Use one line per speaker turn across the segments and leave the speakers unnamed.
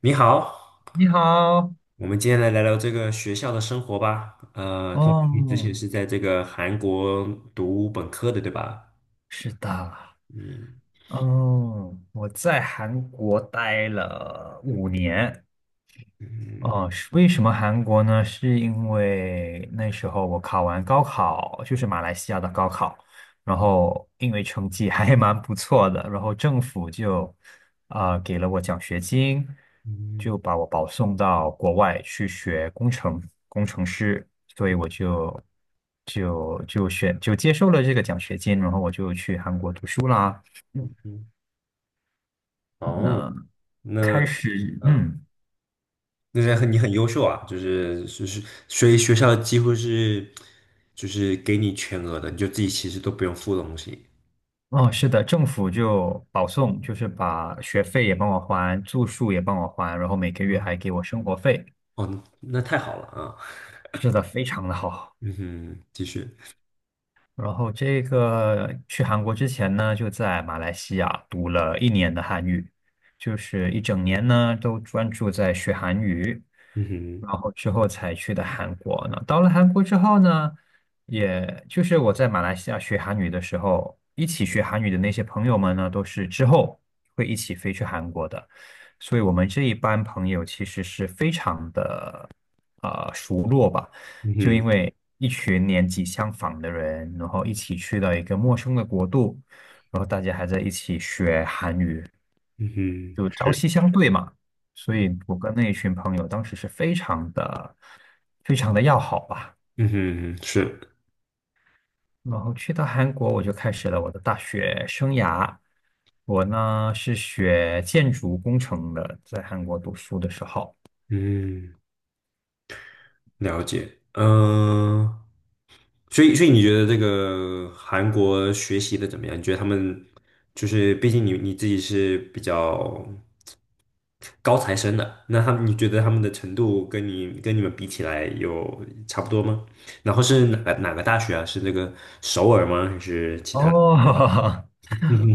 你好，
你好。
我们今天来聊聊这个学校的生活吧。听说你之前
哦，
是在这个韩国读本科的，对吧？
是的。
嗯
哦，我在韩国待了5年。
嗯
哦，是为什么韩国呢？是因为那时候我考完高考，就是马来西亚的高考，然后因为成绩还蛮不错的，然后政府就给了我奖学金，
嗯
就把我保送到国外去学工程工程师，所以
嗯。
我就接受了这个奖学金，然后我就去韩国读书啦。嗯
嗯哦，那
开始
嗯，
嗯。
那是你很优秀啊，就是所以学校几乎是就是给你全额的，你就自己其实都不用付东西。
哦，是的，政府就保送，就是把学费也帮我还，住宿也帮我还，然后每个月还
啊，
给我生活费，
哦，那太好了啊。
是的非常的好。
嗯哼，继续。
然后这个去韩国之前呢，就在马来西亚读了1年的韩语，就是一整年呢都专注在学韩语，
嗯
然
哼，
后之后才去的韩国呢。到了韩国之后呢，也就是我在马来西亚学韩语的时候，一起学韩语的那些朋友们呢，都是之后会一起飞去韩国的，所以我们这一班朋友其实是非常的。啊，熟络吧。
嗯
就因
哼，
为一群年纪相仿的人，然后一起去到一个陌生的国度，然后大家还在一起学韩语，
嗯哼，
就朝
是，
夕相对嘛。所以
嗯
我跟那一群朋友当时是非常的、非常的要好吧。
嗯哼，是。
然后去到韩国，我就开始了我的大学生涯。我呢是学建筑工程的，在韩国读书的时候。
嗯，了解。嗯、所以你觉得这个韩国学习的怎么样？你觉得他们就是，毕竟你自己是比较高材生的，那他们你觉得他们的程度跟你们比起来有差不多吗？然后是哪个大学啊？是那个首尔吗？还是其他？
哦，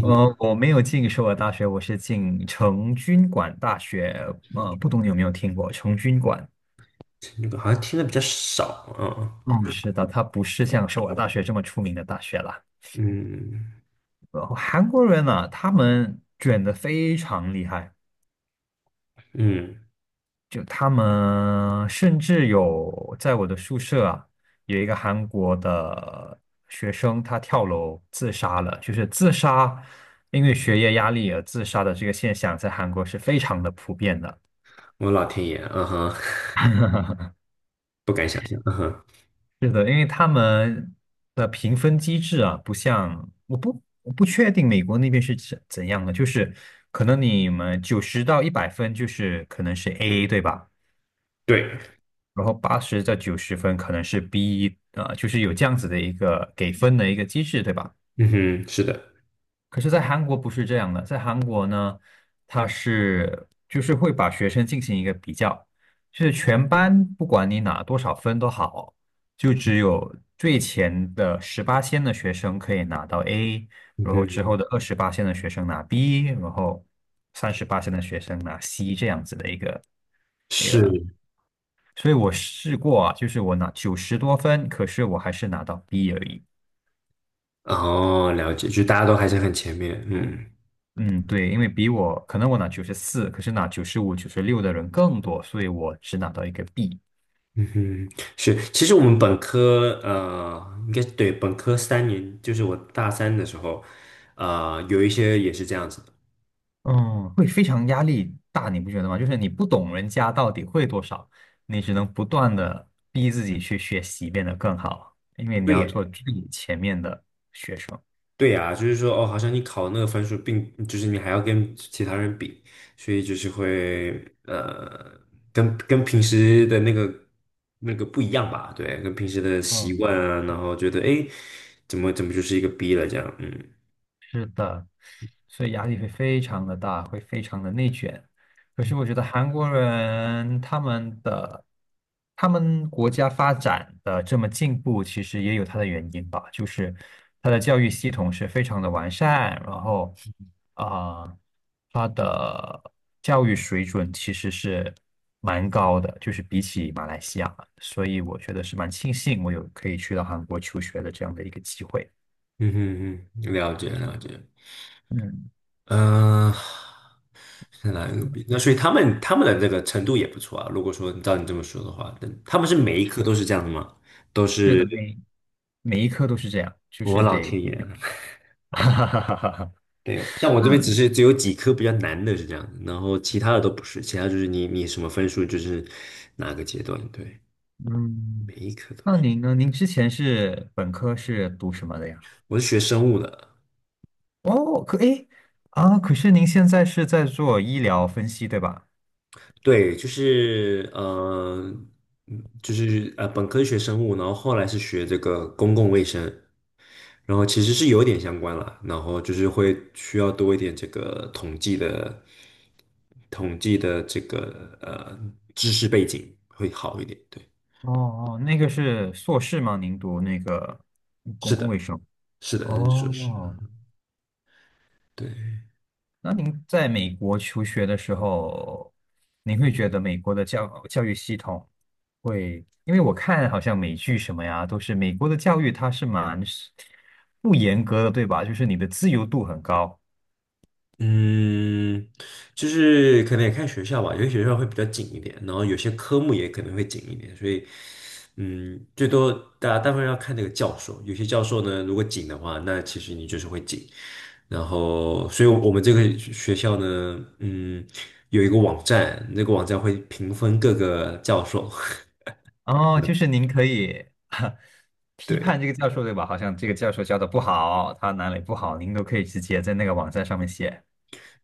我没有进首尔大学，我是进成均馆大学。
嗯
不懂你有没有听过成均馆？
那个好像听的比较少，啊。
嗯，是的，它不是像首尔大学这么出名的大学啦。
嗯
韩国人呢，他们卷得非常厉害，
嗯，
就他们甚至有在我的宿舍啊，有一个韩国的学生，他跳楼自杀了，就是自杀，因为学业压力而自杀的这个现象，在韩国是非常的普遍的。
我老天爷，嗯哼，不敢想象，嗯哼，
是的，因为他们的评分机制啊，不像我不确定美国那边是怎样的，就是可能你们90到100分就是可能是 A,对吧？
对。
然后80到90分可能是 B,就是有这样子的一个给分的一个机制，对吧？
嗯哼，是的，
可是，在韩国不是这样的，在韩国呢，就是会把学生进行一个比较，就是全班不管你拿多少分都好，就只有最前的十八线的学生可以拿到 A,
嗯
然后之
哼，
后的28线的学生拿 B,然后38线的学生拿 C 这样子的一个。
是，
所以我试过啊，就是我拿90多分，可是我还是拿到 B 而已。
哦，了解，就大家都还是很前面，嗯
嗯，对，因为比我可能我拿94，可是拿95、96的人更多，所以我只拿到一个 B。
嗯哼，是，其实我们本科，应该对，本科3年，就是我大三的时候，有一些也是这样子的，
嗯，会非常压力大，你不觉得吗？就是你不懂人家到底会多少，你只能不断的逼自己去学习，变得更好，因为你
对
要
耶
做最前面的学生。
对呀，就是说，哦，好像你考那个分数就是你还要跟其他人比，所以就是会呃，跟平时的那个不一样吧？对，跟平时的习惯
嗯，
啊，然后觉得诶，怎么就是一个 B 了这样？嗯
是的，所以压力会非常的大，会非常的内卷。可是我觉得韩国人他们国家发展的这么进步，其实也有它的原因吧，就是它的教育系统是非常的完善，然后啊、呃它的教育水准其实是蛮高的，就是比起马来西亚，所以我觉得是蛮庆幸我有可以去到韩国求学的这样的一个机会。
嗯嗯嗯，了解了解。
嗯。
嗯、是哪一个 B？那所以他们的这个程度也不错啊。如果说照你这么说的话，但他们是每一科都是这样的吗？都
是的，
是
每一科都是这样，就
我
是
老
得
天
比
爷啊！
较 哈哈哈哈哈。
对，像 我这边
那
只是只有几科比较难的是这样的，然后其他的都不是，其他就是你什么分数就是哪个阶段，对，
嗯，
每一科都
那
是。
您呢？您之前是本科是读什么的呀？
我是学生物的，
哦，可诶啊，可是您现在是在做医疗分析，对吧？
对，就是，本科学生物，然后后来是学这个公共卫生，然后其实是有点相关啦，然后就是会需要多一点这个统计的这个知识背景会好一点，对，
哦哦，那个是硕士吗？您读那个
是
公共卫
的，
生？
是的，是硕士
哦，
对。
那您在美国求学的时候，您会觉得美国的教育系统因为我看好像美剧什么呀，都是美国的教育它是蛮是不严格的，对吧？就是你的自由度很高。
嗯，就是可能也看学校吧，有些学校会比较紧一点，然后有些科目也可能会紧一点，所以，最多大家大部分要看那个教授，有些教授呢，如果紧的话，那其实你就是会紧。然后，所以我们这个学校呢，有一个网站，那个网站会评分各个教授，
哦，就
嗯
是您可以 批判
对
这个教授，对吧？好像这个教授教的不好，他哪里不好，您都可以直接在那个网站上面写。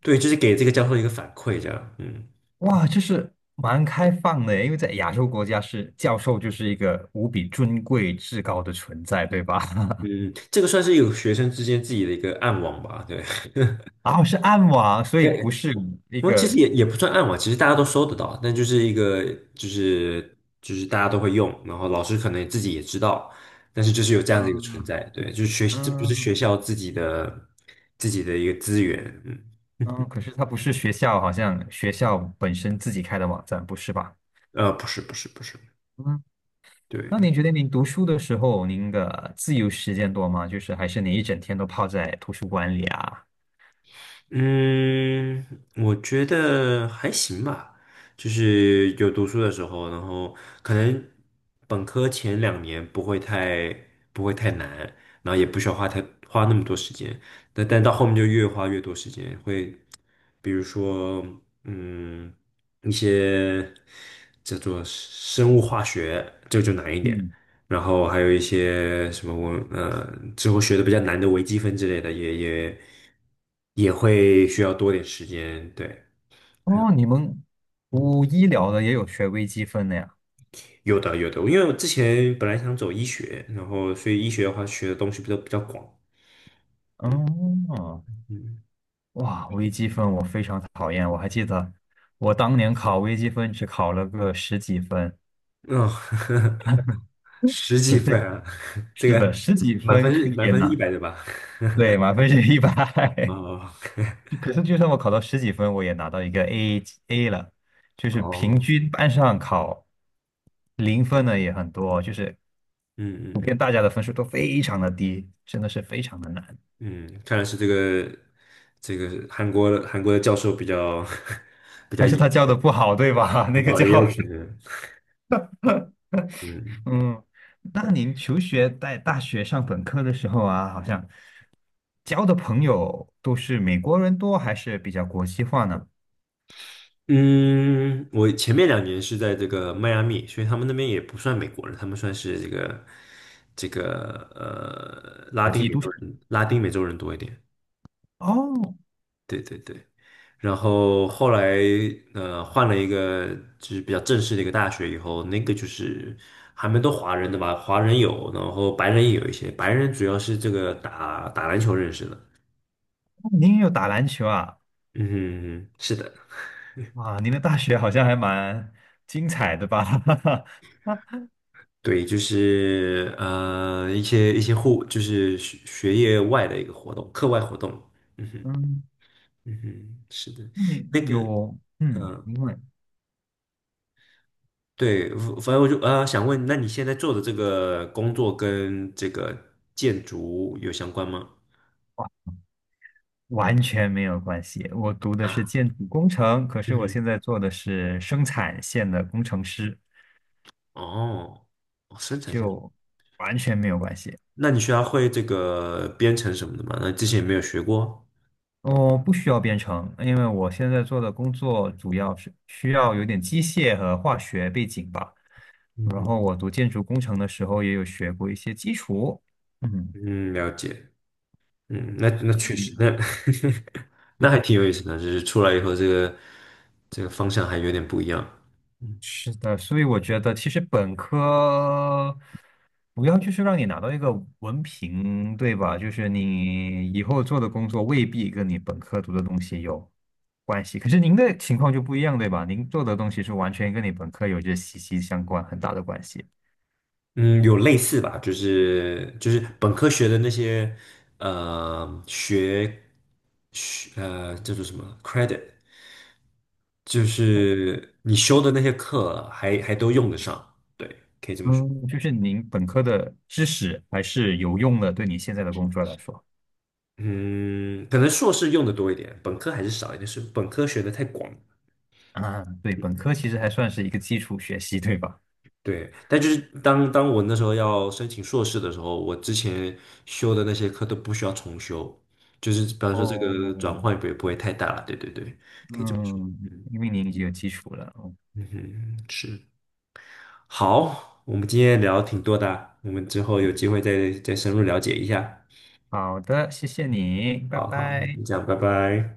对，就是给这个教授一个反馈，这样，
哇，就是蛮开放的耶，因为在亚洲国家是教授就是一个无比尊贵至高的存在，对吧？
嗯，这个算是有学生之间自己的一个暗网吧，对。
然后是暗网，所以不是 一
我其实
个。
也不算暗网，其实大家都搜得到，但就是一个就是大家都会用，然后老师可能自己也知道，但是就是有这样的一个存在，
嗯
对，就是不是学
嗯
校自己的一个资源，嗯，
嗯，可是它不是学校，好像学校本身自己开的网站，不是吧？
不是不是不是，
嗯，那
对，
您觉得您读书的时候，您的自由时间多吗？就是还是你一整天都泡在图书馆里啊？
嗯，我觉得还行吧，就是有读书的时候，然后可能本科前两年不会太难，然后也不需要花那么多时间，但到后面就越花越多时间，会比如说嗯一些叫做生物化学，这个就难一点。
嗯。
然后还有一些什么我之后学的比较难的微积分之类的，也会需要多点时间。对，还有
哦，你们
嗯，
读医疗的也有学微积分的呀？
有的有的，因为我之前本来想走医学，然后所以医学的话学的东西比较广。
哦，
嗯，
哇，微积分我非常讨厌，我还记得我当年考微积分只考了个十几分。
哦，十
可
几分
是
啊，这
是的，
个
十几
满
分
分
可
是
以
满
也
分是一
拿。
百的吧？
对，满分是一百。
哦
可是就算我考到十几分，我也拿到一个 A 了，就是平
哦，
均班上考0分的也很多，就是普
嗯嗯
遍大家的分数都非常的低，真的是非常的难。
嗯嗯，看来是这个韩国的教授比较 比较
还是
严。
他教的不好，对吧？那个
哦，
教
也有可
授。
能，嗯
嗯，那您求学在大学上本科的时候啊，好像交的朋友都是美国人多，还是比较国际化呢？
嗯，我前面两年是在这个迈阿密，所以他们那边也不算美国人，他们算是这个拉
国
丁
际
美
都市
洲人，拉丁美洲人多一点，
哦。
对对对。然后后来换了一个就是比较正式的一个大学以后，那个就是还蛮多华人的吧，华人有，然后白人也有一些，白人主要是这个打打篮球认识的，
哦，您也有打篮球啊？
嗯，是的。
哇，您的大学好像还蛮精彩的吧？
对，就是一些就是学业外的一个活动，课外活动。嗯哼，
嗯，
嗯哼，是的，
那你
那个
有，因为
对，反正我就想问，那你现在做的这个工作跟这个建筑有相关吗？
完全没有关系。我读的是
啊，
建筑工程，可是我
嗯
现在做的是生产线的工程师，
哼，哦，哦，生产线，
就完全没有关系。
那你需要会这个编程什么的吗？那之前有没有学过。
我不需要编程，因为我现在做的工作主要是需要有点机械和化学背景吧。
嗯
然后
哼，
我读建筑工程的时候也有学过一些基础。嗯。
嗯，了解。嗯，那
所
确实，
以。
那 那还挺有意思的，就是出来以后，这个方向还有点不一样。嗯，
是的，所以我觉得其实本科主要就是让你拿到一个文凭，对吧？就是你以后做的工作未必跟你本科读的东西有关系。可是您的情况就不一样，对吧？您做的东西是完全跟你本科有着息息相关，很大的关系。
嗯有类似吧，就是本科学的那些呃学学呃叫做什么 credit，就是你修的那些课还都用得上。对，
嗯，就是您本科的知识还是有用的，对你现在的工作来说。
嗯，可能硕士用的多一点，本科还是少一点，是本科学的太广。
啊，对，本科其实还算是一个基础学习，对吧？
对，但就是当我那时候要申请硕士的时候，我之前修的那些课都不需要重修，就是比方说这
哦，
个转换也不会太大了。对对对，可以这么说。
嗯，
嗯
因为您已经有基础了。
嗯哼，是。好，我们今天聊挺多的啊，我们之后有机会再深入了解一下。
好的，谢谢你，拜
好好，
拜。
就这样，拜拜。